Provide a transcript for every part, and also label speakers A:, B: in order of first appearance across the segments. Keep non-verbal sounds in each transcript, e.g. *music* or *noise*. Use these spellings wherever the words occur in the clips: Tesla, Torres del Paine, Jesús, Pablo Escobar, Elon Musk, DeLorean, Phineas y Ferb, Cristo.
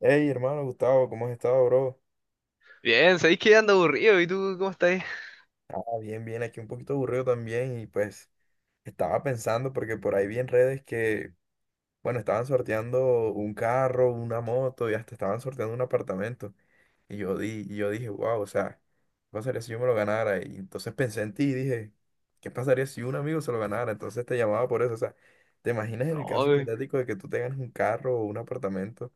A: Hey, hermano Gustavo, ¿cómo has estado, bro?
B: Bien, ¿sabéis que ando aburrido? ¿Y tú cómo estás?
A: Ah, bien, bien, aquí un poquito aburrido también y pues estaba pensando porque por ahí vi en redes que, bueno, estaban sorteando un carro, una moto y hasta estaban sorteando un apartamento. Y yo dije, wow, o sea, ¿qué pasaría si yo me lo ganara? Y entonces pensé en ti y dije, ¿qué pasaría si un amigo se lo ganara? Entonces te llamaba por eso, o sea, ¿te imaginas en el caso
B: Ay,
A: hipotético de que tú te ganes un carro o un apartamento?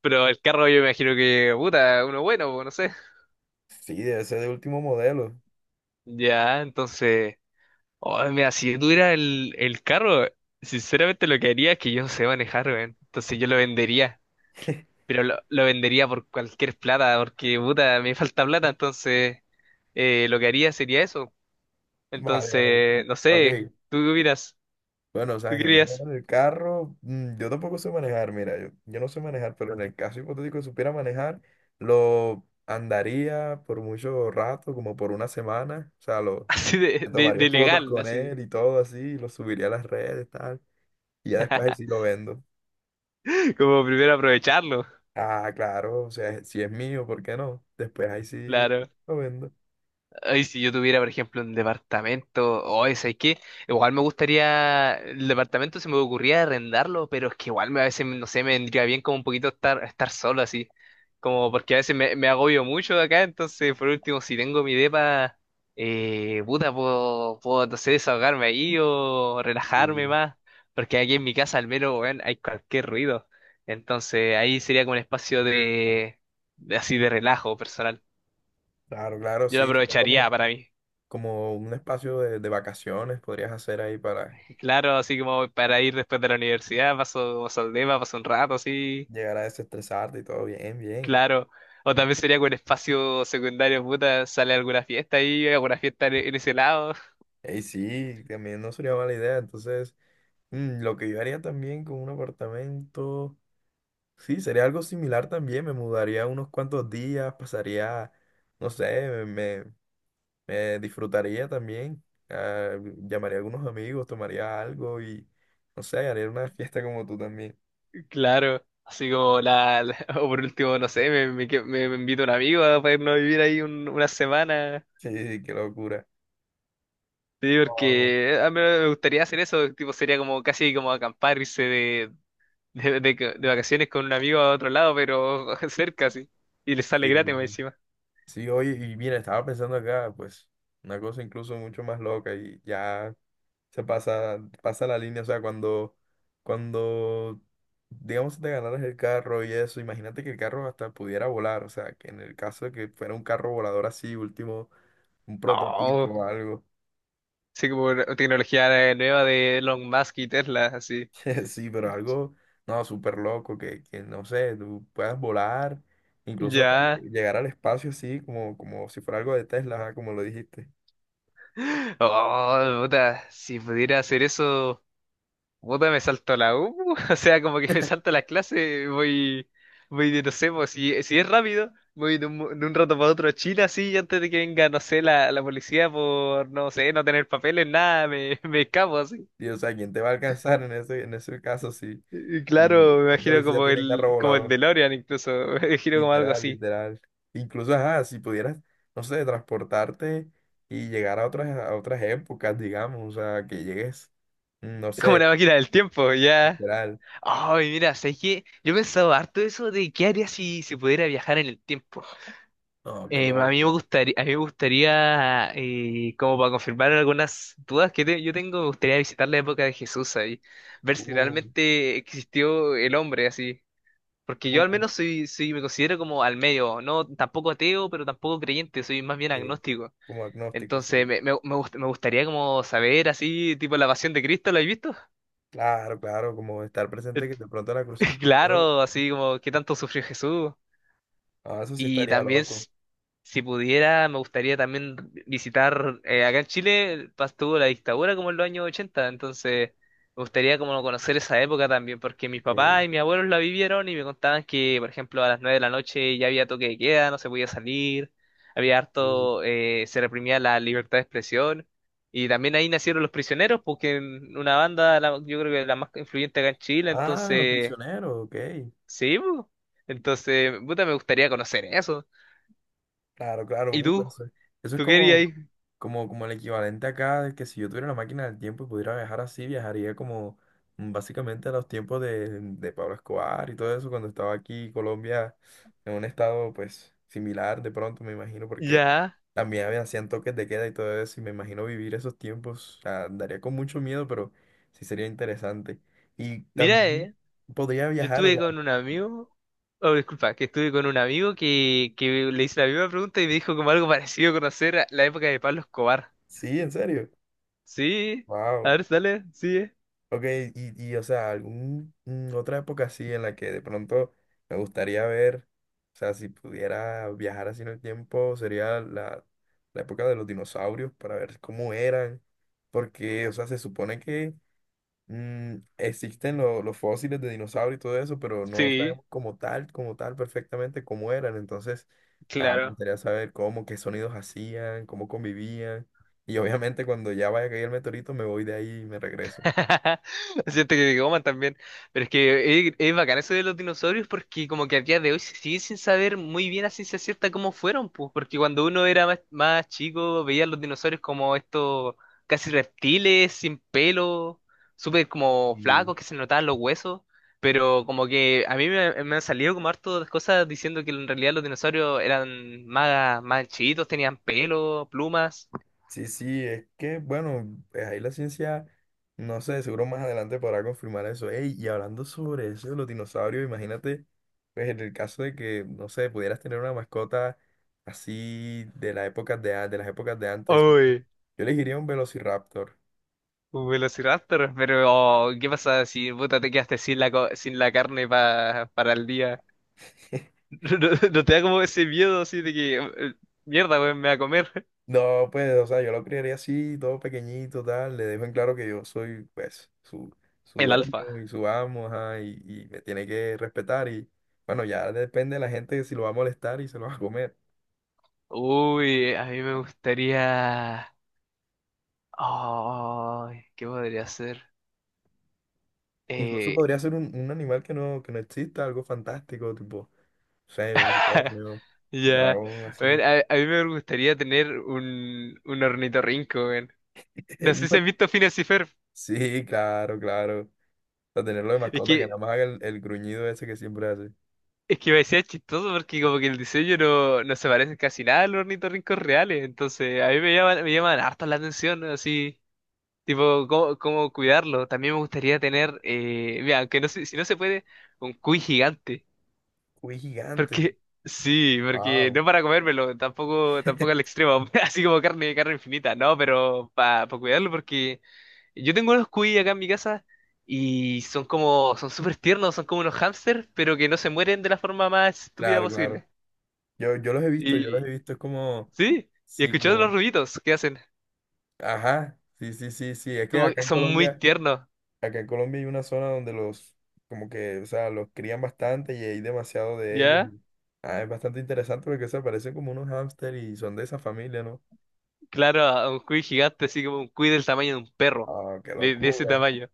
B: pero el carro yo me imagino que, puta, uno bueno, pues, no sé.
A: Sí, debe ser de último modelo.
B: Ya, entonces. Ay, mira, si yo tuviera el carro, sinceramente lo que haría es que yo no sé manejar, weón. Entonces yo lo vendería. Pero lo vendería por cualquier plata, porque, puta, me falta plata, entonces lo que haría sería eso.
A: Vale, vale.
B: Entonces, no sé,
A: Ok.
B: tú qué opinas,
A: Bueno, o
B: tú
A: sea, yo
B: querías.
A: en el carro, yo tampoco sé manejar, mira, yo no sé manejar, pero en el caso hipotético de supiera manejar, lo andaría por mucho rato, como por una semana, o sea,
B: *laughs* Así de,
A: me
B: de,
A: tomaría
B: de
A: fotos
B: legal,
A: con
B: así,
A: él y todo así, lo subiría a las redes, tal, y ya después ahí sí lo vendo.
B: como primero aprovecharlo,
A: Ah, claro, o sea, si es mío, ¿por qué no? Después ahí sí
B: claro.
A: lo vendo.
B: Ay, si yo tuviera, por ejemplo, un departamento, o ese, ¿sabes qué? Igual me gustaría, el departamento se me ocurría arrendarlo, pero es que igual me, a veces, no sé, me vendría bien como un poquito estar solo así, como porque a veces me agobio mucho acá, entonces por último, si tengo mi depa, puta, puedo, no sé, desahogarme ahí o
A: Y
B: relajarme más, porque aquí en mi casa al menos, weón, hay cualquier ruido, entonces ahí sería como un espacio de, así de relajo personal,
A: claro, claro,
B: yo lo
A: sí, sería
B: aprovecharía
A: como,
B: para mí.
A: como un espacio de vacaciones podrías hacer ahí para
B: Claro, así como para ir después de la universidad, paso como Saldema, paso un rato, así,
A: llegar a desestresarte y todo bien, bien.
B: claro. O también sería con espacio secundario, puta, sale alguna fiesta ahí, alguna fiesta en ese lado.
A: Ey, sí, también no sería mala idea. Entonces, lo que yo haría también con un apartamento, sí, sería algo similar también. Me mudaría unos cuantos días, pasaría, no sé, me disfrutaría también. Llamaría a algunos amigos, tomaría algo y, no sé, haría una fiesta como tú también. *laughs*
B: *laughs* Claro. Así como la, *laughs* o por último, no sé, me invita un amigo a para irnos a vivir ahí una semana.
A: Sí, qué locura.
B: Sí,
A: Wow.
B: porque a mí me gustaría hacer eso, tipo, sería como casi como acampar, irse de, *laughs* de, de, de vacaciones con un amigo a otro lado, pero *laughs* cerca, sí. Y le
A: Sí,
B: sale gratis más encima.
A: sí, oye, y mira, estaba pensando acá, pues, una cosa incluso mucho más loca y ya. Se pasa, pasa la línea, o sea, cuando, digamos, si te ganaras el carro y eso, imagínate que el carro hasta pudiera volar, o sea, que en el caso de que fuera un carro volador así, último, un prototipo
B: Oh.
A: o algo.
B: Sí, como una tecnología nueva de Elon Musk y Tesla, así.
A: *laughs* Sí, pero algo, no, súper loco, que, no sé, tú puedas volar, incluso hasta
B: Ya.
A: llegar al espacio así, como, como si fuera algo de Tesla, ajá, como lo dijiste.
B: Oh, puta, si pudiera hacer eso, puta, me salto a la U. *laughs* O sea, como que me salto la clase, voy de, no sé, pues, si es rápido, voy de un, de un rato para otro a China, así, y antes de que venga, no sé, la policía por, no sé, no tener papeles, nada, me, *laughs* me escapo así.
A: Y, o sea, ¿quién te va a alcanzar en ese, caso si,
B: Y
A: si
B: claro, me
A: el
B: imagino
A: policía
B: como
A: tiene carro
B: el
A: volador?
B: DeLorean incluso. *laughs* Me imagino como algo
A: Literal,
B: así.
A: literal. Incluso, ajá, si pudieras, no sé, transportarte y llegar a otras épocas, digamos, o sea, que llegues, no
B: Es como
A: sé,
B: una máquina del tiempo, ya.
A: literal.
B: Ay, mira, ¿sabes que yo he pensado harto eso de qué haría si se pudiera viajar en el tiempo?
A: No, qué
B: A mí
A: loco.
B: me gustaría, como para confirmar algunas dudas que yo tengo, me gustaría visitar la época de Jesús ahí, ver si
A: Uh,
B: realmente existió el hombre así. Porque yo al
A: uh,
B: menos soy, me considero como al medio, no tampoco ateo, pero tampoco creyente, soy más bien
A: qué-
B: agnóstico.
A: como agnóstico,
B: Entonces
A: sí.
B: me gustaría como saber así, tipo la pasión de Cristo, ¿lo has visto?
A: Claro, claro, como estar presente que de pronto la
B: *laughs*
A: crucifixión.
B: Claro, así como qué tanto sufrió Jesús.
A: Ah, eso sí
B: Y
A: estaría
B: también,
A: loco.
B: si pudiera, me gustaría también visitar, acá en Chile tuvo la dictadura como en los años 80, entonces me gustaría como conocer esa época también, porque mis
A: Ok,
B: papás y mis abuelos la vivieron y me contaban que, por ejemplo, a las 9 de la noche ya había toque de queda, no se podía salir, había harto,
A: uh.
B: se reprimía la libertad de expresión. Y también ahí nacieron Los Prisioneros, porque en una banda, yo creo que la más influyente acá en Chile,
A: Ah, los
B: entonces,
A: prisioneros, ok.
B: sí, po. Entonces, puta, me gustaría conocer eso.
A: Claro, claro,
B: ¿Y tú?
A: eso, eso es
B: ¿Tú querías?
A: como, como, como el equivalente acá de que si yo tuviera una máquina del tiempo y pudiera viajar así, viajaría como básicamente a los tiempos de Pablo Escobar y todo eso, cuando estaba aquí Colombia en un estado pues similar de pronto, me imagino, porque
B: Ya.
A: también hacían toques de queda y todo eso, y me imagino vivir esos tiempos, o sea, daría con mucho miedo, pero sí sería interesante. Y
B: Mira,
A: también podría
B: yo
A: viajar, o
B: estuve
A: sea,
B: con un amigo, oh, disculpa, que estuve con un amigo que, le hice la misma pregunta y me dijo como algo parecido a conocer a la época de Pablo Escobar.
A: sí, en serio,
B: Sí, a
A: wow.
B: ver, dale, sí,
A: Ok, y o sea, algún otra época así en la que de pronto me gustaría ver, o sea, si pudiera viajar así en el tiempo, sería la época de los dinosaurios para ver cómo eran, porque, o sea, se supone que existen los fósiles de dinosaurios y todo eso, pero no
B: sí,
A: sabemos como tal, perfectamente cómo eran, entonces, me
B: claro.
A: gustaría saber cómo, qué sonidos hacían, cómo convivían, y obviamente cuando ya vaya a caer el meteorito me voy de ahí y me regreso.
B: *laughs* Siento que te coman también. Pero es que es bacán eso de los dinosaurios, porque como que a día de hoy se sigue sin saber muy bien a ciencia cierta cómo fueron, pues, porque cuando uno era más chico veía los dinosaurios como estos casi reptiles, sin pelo, súper como flacos que se notaban los huesos. Pero como que a mí me han salido como harto de cosas diciendo que en realidad los dinosaurios eran más chiquitos, tenían pelo, plumas.
A: Sí, sí, es que, bueno, pues ahí la ciencia, no sé, seguro más adelante podrá confirmar eso. Ey, y hablando sobre eso de los dinosaurios, imagínate, pues en el caso de que, no sé, pudieras tener una mascota así de la época de, de las épocas de antes, yo elegiría un velociraptor.
B: Un velociraptor, pero oh, ¿qué pasa si puta te quedaste sin sin la carne para el día?
A: *laughs*
B: *laughs* ¿No te da como ese miedo así de que mierda, weón, me va a comer
A: No, pues, o sea, yo lo criaría así, todo pequeñito, tal. Le dejo en claro que yo soy, pues, su
B: el alfa?
A: dueño y su amo, ajá, y me tiene que respetar. Y bueno, ya depende de la gente si lo va a molestar y se lo va a comer.
B: Uy, a mí me gustaría. Oh, ¿qué podría ser?
A: Incluso
B: Eh,
A: podría ser un, un animal que no exista, algo fantástico, tipo, no sé, un
B: *laughs*
A: unicornio, un
B: ya,
A: dragón,
B: weón,
A: así.
B: a mí me gustaría tener un, ornitorrinco, weón.
A: *laughs*
B: No sé si
A: No-
B: has visto Phineas y Ferb.
A: Sí, claro, claro. O sea, tenerlo de
B: Es
A: mascota que nada
B: que
A: más haga el gruñido ese que siempre hace.
B: Es que me decía chistoso porque como que el diseño no se parece casi nada a los ornitorrincos reales, entonces a mí me llaman harto la atención, ¿no? Así, tipo, cómo, cómo cuidarlo. También me gustaría tener, mira, aunque no, si no se puede, un cuy gigante.
A: Uy, gigante.
B: Porque, sí, porque
A: Wow.
B: no para comérmelo, tampoco, tampoco al extremo, *laughs* así como carne, carne infinita, no, pero para cuidarlo, porque yo tengo unos cuy acá en mi casa y son son súper tiernos, son como unos hámsters, pero que no se mueren de la forma más estúpida
A: Claro, claro.
B: posible.
A: Yo los he visto, yo los he
B: Y,
A: visto, es como,
B: sí, y
A: sí,
B: escuchando los
A: como,
B: ruiditos que hacen,
A: ajá, sí, sí, sí, sí, es que
B: como que son muy tiernos,
A: Acá en Colombia hay una zona donde como que, o sea, los crían bastante y hay demasiado de ellos.
B: ¿ya?
A: Y ah, es bastante interesante porque, se parecen como unos hámster y son de esa familia, ¿no?
B: Claro, a un cuy gigante, así como un cuy del tamaño de un perro,
A: Ah, qué
B: de ese
A: locura.
B: tamaño.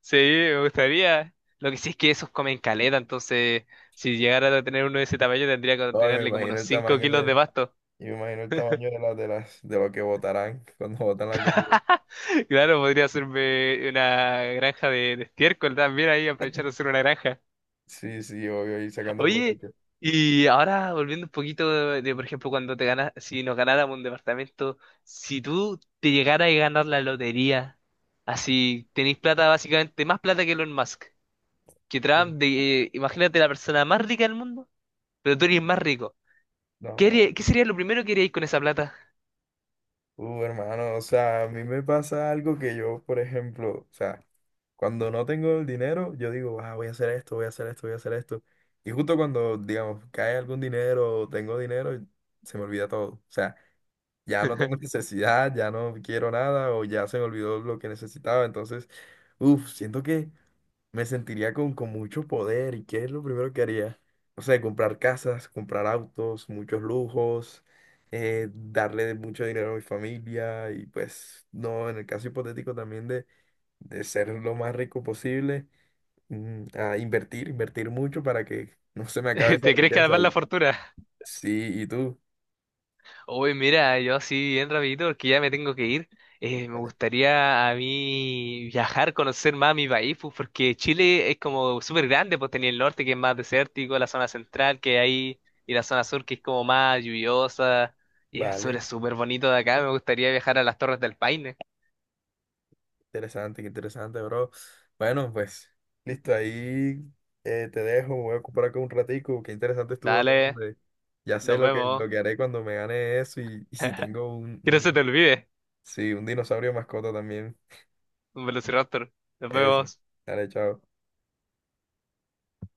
B: Sí, me gustaría. Lo que sí es que esos comen caleta, entonces si llegara a tener uno de ese tamaño tendría que
A: No, y me
B: tenerle como
A: imagino
B: unos
A: el
B: 5
A: tamaño
B: kilos de
A: de,
B: pasto.
A: y me imagino el tamaño de lo que botarán *laughs* cuando botan la comida.
B: *laughs* Claro, podría hacerme una granja de estiércol también ahí, aprovechar de hacer una granja.
A: Sí, sí, obvio, y sacando
B: Oye,
A: provecho.
B: y ahora volviendo un poquito de, por ejemplo, cuando te ganas, si nos ganáramos un departamento, si tú te llegaras a ganar la lotería, así tenéis plata básicamente, más plata que Elon Musk, que Trump, de, imagínate la persona más rica del mundo, pero tú eres más rico. ¿Qué
A: No.
B: haría- qué sería lo primero que haríais con esa plata?
A: Hermano, o sea, a mí me pasa algo que yo, por ejemplo, o sea, cuando no tengo el dinero, yo digo, ah, voy a hacer esto, voy a hacer esto, voy a hacer esto. Y justo cuando, digamos, cae algún dinero o tengo dinero, se me olvida todo. O sea, ya no tengo *laughs*
B: *laughs*
A: necesidad, ya no quiero nada o ya se me olvidó lo que necesitaba. Entonces, uff, siento que me sentiría con, mucho poder y qué es lo primero que haría. O sea, comprar casas, comprar autos, muchos lujos, darle mucho dinero a mi familia y pues no, en el caso hipotético también de ser lo más rico posible, a invertir, invertir mucho para que no se me acabe esa
B: ¿Te crees que
A: riqueza.
B: además la fortuna?
A: Sí, ¿y tú?
B: Uy, mira, yo así bien rapidito porque ya me tengo que ir. Me
A: Vale.
B: gustaría a mí viajar, conocer más mi país, pues, porque Chile es como súper grande, pues tenía el norte que es más desértico, la zona central que hay, y la zona sur que es como más lluviosa, y es súper,
A: Vale.
B: súper bonito de acá. Me gustaría viajar a las Torres del Paine.
A: Interesante, qué interesante, bro. Bueno, pues, listo, ahí te dejo, me voy a ocupar acá un ratico, qué interesante estuvo todo,
B: Dale,
A: hombre. Ya sé
B: nos vemos.
A: lo que haré cuando me gane eso y, *laughs* y si
B: *laughs*
A: tengo
B: Que no se te
A: un-
B: olvide,
A: sí, un dinosaurio mascota también.
B: un Velociraptor. Nos
A: Eso.
B: vemos.
A: Dale, chao.